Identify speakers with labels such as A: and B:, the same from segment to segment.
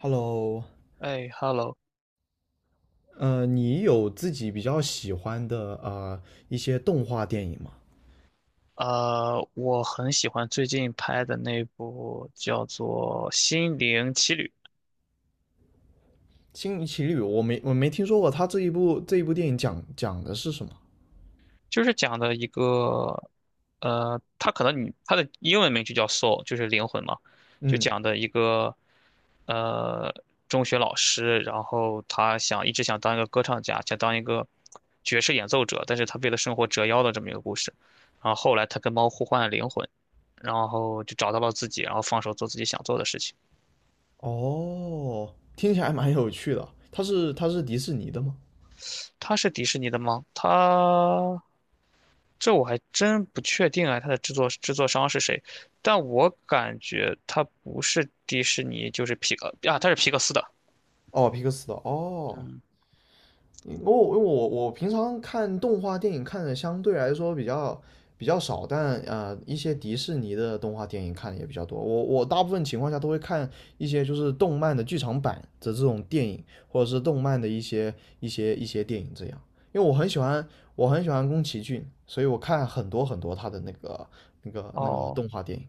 A: Hello。
B: 哎，Hello，
A: 你有自己比较喜欢的一些动画电影吗？
B: 我很喜欢最近拍的那部叫做《心灵奇旅》，
A: 《星奇旅》我没听说过。它这一部电影讲的是什么？
B: 就是讲的一个，它可能你它的英文名就叫 Soul，就是灵魂嘛，就
A: 嗯。
B: 讲的一个呃中学老师，然后他想一直想当一个歌唱家，想当一个爵士演奏者，但是他为了生活折腰的这么一个故事，然后后来他跟猫互换了灵魂，然后就找到了自己，然后放手做自己想做的事情。
A: 哦，听起来蛮有趣的。它是迪士尼的吗？
B: 它是迪士尼的吗？这我还真不确定啊，它的制作商是谁？但我感觉它不是迪士尼，就是皮克啊，它是皮克斯的。
A: 哦，皮克斯的。哦，
B: 嗯，
A: 我平常看动画电影看的相对来说比较少，但一些迪士尼的动画电影看的也比较多。我大部分情况下都会看一些就是动漫的剧场版的这种电影，或者是动漫的一些一些电影这样。因为我很喜欢我很喜欢宫崎骏，所以我看很多很多他的那个
B: 哦，
A: 动画电影。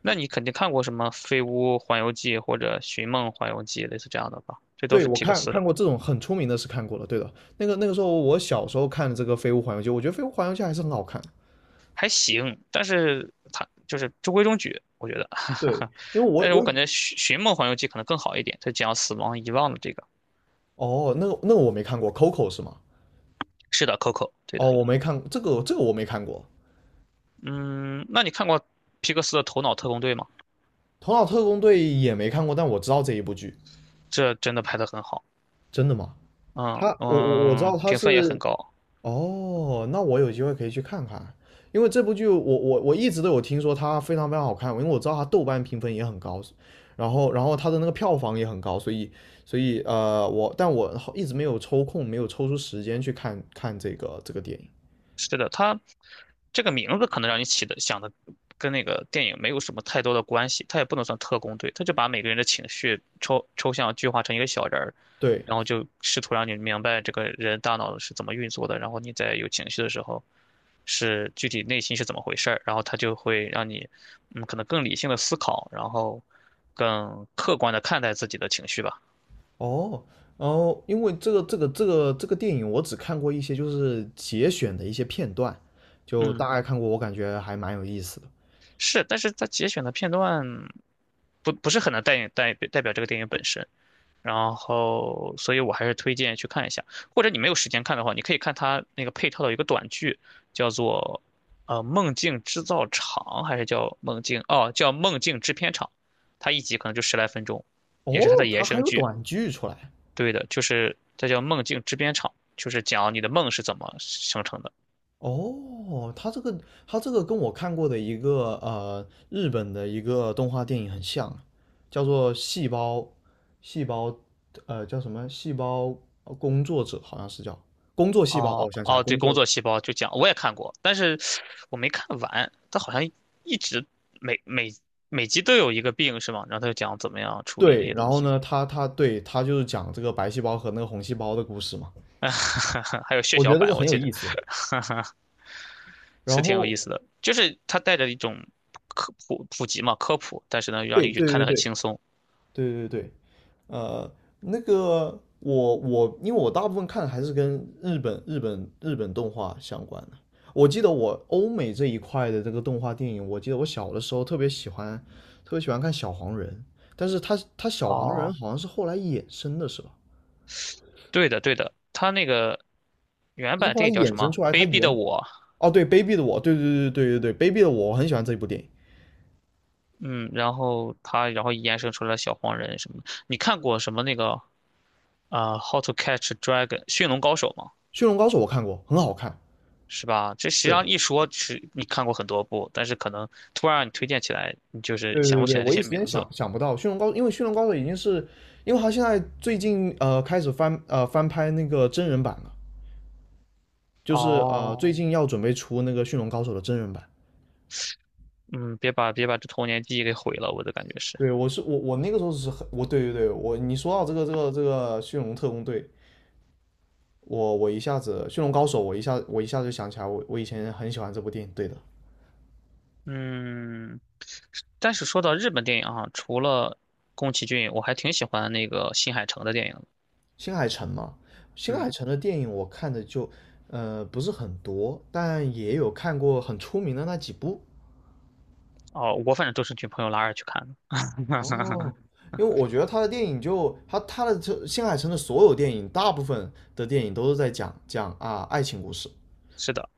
B: 那你肯定看过什么《飞屋环游记》或者《寻梦环游记》类似这样的吧？这都
A: 对，
B: 是
A: 我
B: 皮克
A: 看
B: 斯
A: 看
B: 的，
A: 过这种很出名的是看过了，对的。那个时候我小时候看的这个《飞屋环游记》，我觉得《飞屋环游记》还是很好看。
B: 还行，但是它就是中规中矩，我觉得。
A: 对，因为我
B: 但是我
A: 我
B: 感
A: 以
B: 觉《寻梦环游记》可能更好一点，它讲死亡遗忘的这个。
A: 哦，那个我没看过，Coco 是吗？
B: 是的，Coco,对的。
A: 哦，我没看这个我没看过，
B: 嗯，那你看过皮克斯的《头脑特工队》吗？
A: 《头脑特工队》也没看过，但我知道这一部剧。
B: 这真的拍得很好，
A: 真的吗？
B: 嗯
A: 他我我我知道
B: 嗯，
A: 他
B: 评分也很
A: 是
B: 高。
A: 哦，那我有机会可以去看看。因为这部剧我我一直都有听说它非常非常好看，因为我知道它豆瓣评分也很高，然后它的那个票房也很高，所以我一直没有抽空，没有抽出时间去看看这个电影。
B: 是的，他这个名字可能让你起的想的跟那个电影没有什么太多的关系，他也不能算特工队，他就把每个人的情绪抽象具化成一个小人儿，
A: 对。
B: 然后就试图让你明白这个人大脑是怎么运作的，然后你在有情绪的时候是具体内心是怎么回事儿，然后他就会让你嗯可能更理性的思考，然后更客观的看待自己的情绪吧。
A: 哦。哦，因为这个电影我只看过一些就是节选的一些片段，就
B: 嗯，
A: 大概看过，我感觉还蛮有意思的。
B: 是，但是它节选的片段不是很能代表这个电影本身。然后，所以我还是推荐去看一下，或者你没有时间看的话，你可以看他那个配套的一个短剧，叫做《梦境制造厂》，还是叫《梦境》哦，叫《梦境制片厂》，它一集可能就十来分钟，也
A: 哦，
B: 是它的延
A: 它还
B: 伸
A: 有
B: 剧。
A: 短剧出来。
B: 对的，就是它叫《梦境制片厂》，就是讲你的梦是怎么生成的。
A: 哦，它这个跟我看过的一个日本的一个动画电影很像，叫做细胞》，叫什么工作者》好像是叫工作细胞。哦，
B: 哦
A: 我想起来，
B: 哦，对，
A: 工
B: 工
A: 作。
B: 作细胞就讲我也看过，但是我没看完，它好像一直每每每集都有一个病是吗？然后他就讲怎么样处理这
A: 对，
B: 些
A: 然
B: 东
A: 后
B: 西。
A: 呢，他就是讲这个白细胞和那个红细胞的故事嘛，
B: 还有血
A: 我觉
B: 小
A: 得这个
B: 板，我
A: 很有
B: 记着
A: 意思。然
B: 是挺有
A: 后，
B: 意思的，就是它带着一种科普普及嘛，科普，但是呢，让
A: 对
B: 你看
A: 对对
B: 得很
A: 对
B: 轻松。
A: 对对对。呃，那个我因为我大部分看还是跟日本动画相关的。我记得我欧美这一块的这个动画电影，我记得我小的时候特别喜欢，特别喜欢看小黄人，但是他小黄人
B: 哦，
A: 好像是后来衍生的是吧？
B: 对的，对的，它那个原
A: 他是
B: 版
A: 后
B: 电
A: 来
B: 影叫
A: 衍
B: 什么？
A: 生出来，他
B: 《卑鄙的
A: 原
B: 我》。
A: 哦，对，卑鄙的我，对对对对对对，卑鄙的我，我很喜欢这一部电影。
B: 嗯，然后它然后延伸出来小黄人什么的。你看过什么那个啊，How to Catch a Dragon》驯龙高手》吗？
A: 驯龙高手我看过，很好看。
B: 是吧？这实际上
A: 对
B: 一说是你看过很多部，但是可能突然让你推荐起来，你就是
A: 对对
B: 想
A: 对
B: 不
A: 对，
B: 起来这
A: 我一
B: 些
A: 时间
B: 名字。
A: 想不到驯龙高手。因为驯龙高手已经是，因为他现在最近开始翻拍那个真人版了，就是
B: 哦。
A: 最近要准备出那个驯龙高手的真人版。
B: 嗯，别把这童年记忆给毁了，我的感觉是，
A: 对，我是我我那个时候是很我对对对我你说到这个这个这个驯龙特工队，我我一下子驯龙高手，我一下就想起来我以前很喜欢这部电影。对的。
B: 嗯，但是说到日本电影啊，除了宫崎骏，我还挺喜欢那个新海诚的电影的
A: 新海诚嘛，新
B: 嗯，
A: 海诚的电影我看的就，不是很多，但也有看过很出名的那几部。
B: 哦，我反正都是女朋友拉着去看的，
A: 哦，因为我觉得他的电影就他他的这新海诚的所有电影，大部分的电影都是在讲啊爱情故事，
B: 是的，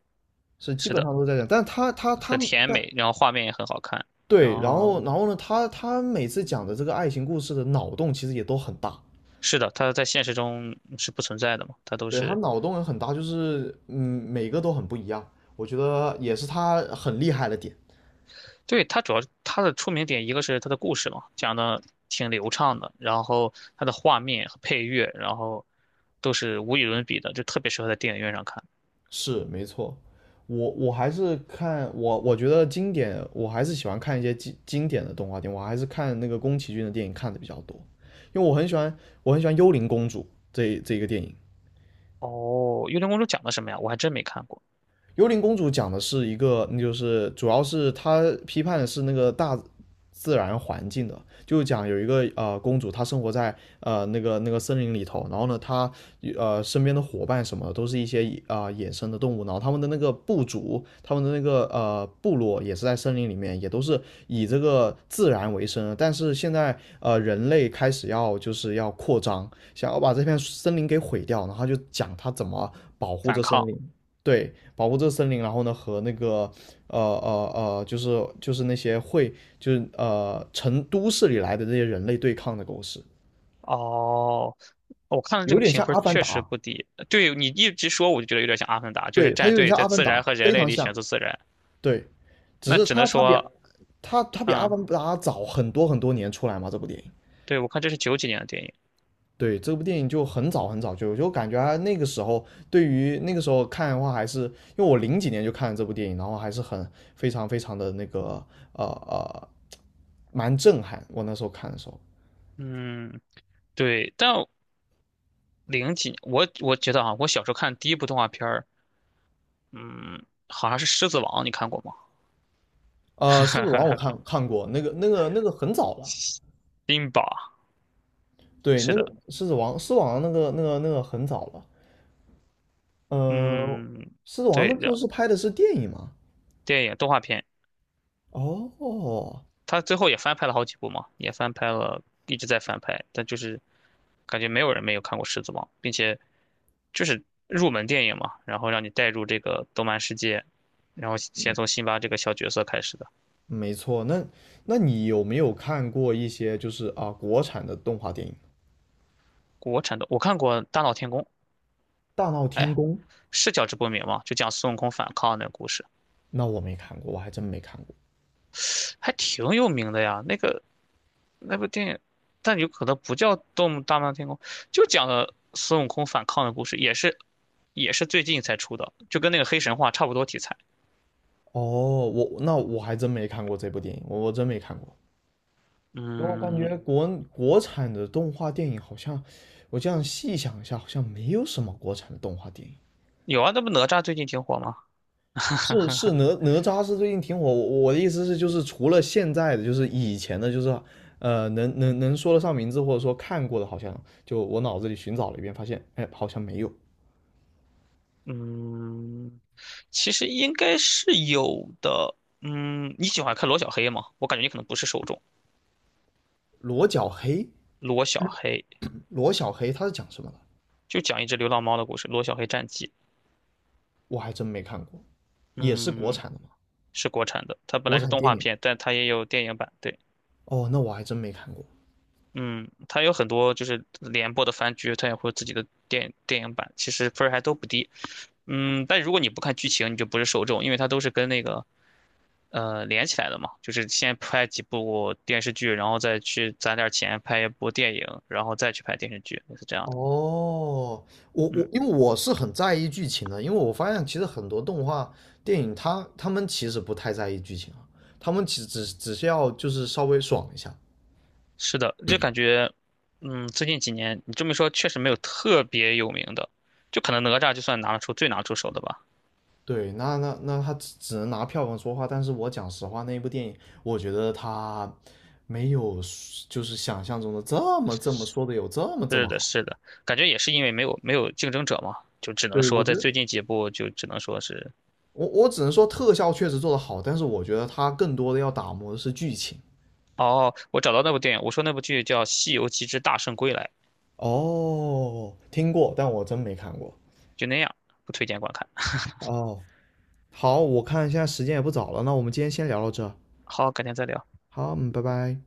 A: 是基
B: 是
A: 本
B: 的，
A: 上都在讲。但他
B: 很甜
A: 但
B: 美，然后画面也很好看，然
A: 对，然后
B: 后
A: 然后呢，他他每次讲的这个爱情故事的脑洞其实也都很大。
B: 是的，它在现实中是不存在的嘛，它都
A: 对，他
B: 是
A: 脑洞也很大，就是嗯每个都很不一样，我觉得也是他很厉害的点。
B: 对，它主要它的出名点，一个是它的故事嘛，讲的挺流畅的，然后它的画面和配乐，然后都是无与伦比的，就特别适合在电影院上看。
A: 是没错，我我还是看我我觉得经典，我还是喜欢看一些经典的动画电影，我还是看那个宫崎骏的电影看的比较多。因为我很喜欢我很喜欢《幽灵公主》这一个电影。
B: 哦，《幽灵公主》讲的什么呀？我还真没看过。
A: 幽灵公主讲的是一个，那就是主要是她批判的是那个大自然环境的，就讲有一个公主，她生活在那个森林里头，然后呢，她身边的伙伴什么的都是一些野生的动物，然后他们的那个部族，他们的那个部落也是在森林里面，也都是以这个自然为生。但是现在人类开始要就是要扩张，想要把这片森林给毁掉，然后就讲她怎么保护
B: 反
A: 这森
B: 抗。
A: 林。对，保护这个森林，然后呢和那个就是就是那些会就是呃都市里来的这些人类对抗的故事。
B: 哦，我看了这
A: 有
B: 个
A: 点
B: 评
A: 像
B: 分
A: 《阿凡
B: 确
A: 达》，
B: 实不低。对你一直说，我就觉得有点像《阿凡达》，就是
A: 对，它
B: 战
A: 有点
B: 队
A: 像
B: 在
A: 《阿凡
B: 自
A: 达》，
B: 然和人
A: 非
B: 类
A: 常
B: 里选
A: 像。
B: 择自然。
A: 对，只
B: 那
A: 是
B: 只能说，
A: 它它比《阿
B: 嗯，
A: 凡达》早很多很多年出来嘛，这部电影。
B: 对，我看这是九几年的电影。
A: 对，这部电影就很早很早就有，就感觉啊那个时候对于那个时候看的话，还是因为我零几年就看了这部电影，然后还是很非常非常的呃呃，蛮震撼。我那时候看的时候，
B: 嗯，对，但零几，我我觉得啊，我小时候看第一部动画片儿。嗯，好像是《狮子王》，你看过吗？
A: 狮子王》我看过，那个很早了。
B: 冰雹，
A: 对，
B: 是的，
A: 《狮子王》那个很早了。呃，
B: 嗯，
A: 《狮子王》
B: 对
A: 那时候
B: 的，
A: 是拍的是电影吗？
B: 电影动画片，
A: 哦，
B: 它最后也翻拍了好几部嘛，也翻拍了，一直在翻拍，但就是感觉没有人没有看过《狮子王》，并且就是入门电影嘛，然后让你带入这个动漫世界，然后先从辛巴这个小角色开始的。
A: 没错。那你有没有看过一些就是啊、国产的动画电影？
B: 国产的我看过《大闹天宫》，
A: 大闹
B: 哎，
A: 天宫》，
B: 是叫《直播名》吗？就讲孙悟空反抗那个故事，
A: 那我没看过，我还真没看过。
B: 还挺有名的呀。那个那部电影，但有可能不叫《动物大闹天宫》，就讲了孙悟空反抗的故事，也是最近才出的，就跟那个黑神话差不多题材。
A: 哦，我那我还真没看过这部电影，我真没看过。因为我感
B: 嗯，
A: 觉国产的动画电影好像，我这样细想一下，好像没有什么国产的动画电影。
B: 有啊，那不哪吒最近挺火吗？
A: 是哪吒是最近挺火，我的意思是就是除了现在的，就是以前的，就是能说得上名字或者说看过的，好像就我脑子里寻找了一遍，发现哎好像没有。
B: 嗯，其实应该是有的。嗯，你喜欢看罗小黑吗？我感觉你可能不是受众。
A: 罗小黑，
B: 罗小黑
A: 罗小黑他是讲什么的？
B: 就讲一只流浪猫的故事，《罗小黑战记》。
A: 我还真没看过，也是国
B: 嗯，
A: 产的吗？
B: 是国产的，它本
A: 国
B: 来是
A: 产
B: 动
A: 电
B: 画
A: 影。
B: 片，但它也有电影版。对。
A: 哦，那我还真没看过。
B: 嗯，它有很多就是连播的番剧，它也会有自己的电影版，其实分儿还都不低。嗯，但如果你不看剧情，你就不是受众，因为它都是跟那个呃连起来的嘛，就是先拍几部电视剧，然后再去攒点儿钱拍一部电影，然后再去拍电视剧，是这样
A: 哦，
B: 的。嗯，
A: 因为我是很在意剧情的，因为我发现其实很多动画电影他们其实不太在意剧情啊，他们只是要就是稍微爽一下。
B: 是的，就感觉，嗯，最近几年你这么一说，确实没有特别有名的，就可能哪吒就算拿得出最拿得出手的吧。
A: 对，那他只能拿票房说话，但是我讲实话，那一部电影，我觉得他没有就是想象中的这么说的有这
B: 是
A: 么
B: 的，
A: 好。
B: 是的，感觉也是因为没有竞争者嘛，就只能
A: 对，我
B: 说
A: 觉
B: 在
A: 得
B: 最近几部就只能说是，
A: 我只能说特效确实做得好，但是我觉得它更多的要打磨的是剧情。
B: 哦，我找到那部电影，我说那部剧叫《西游记之大圣归来》，
A: 哦，听过，但我真没看过。
B: 就那样，不推荐观看。
A: 哦，好，我看现在时间也不早了，那我们今天先聊到这儿。
B: 好，改天再聊。
A: 好，嗯，拜拜。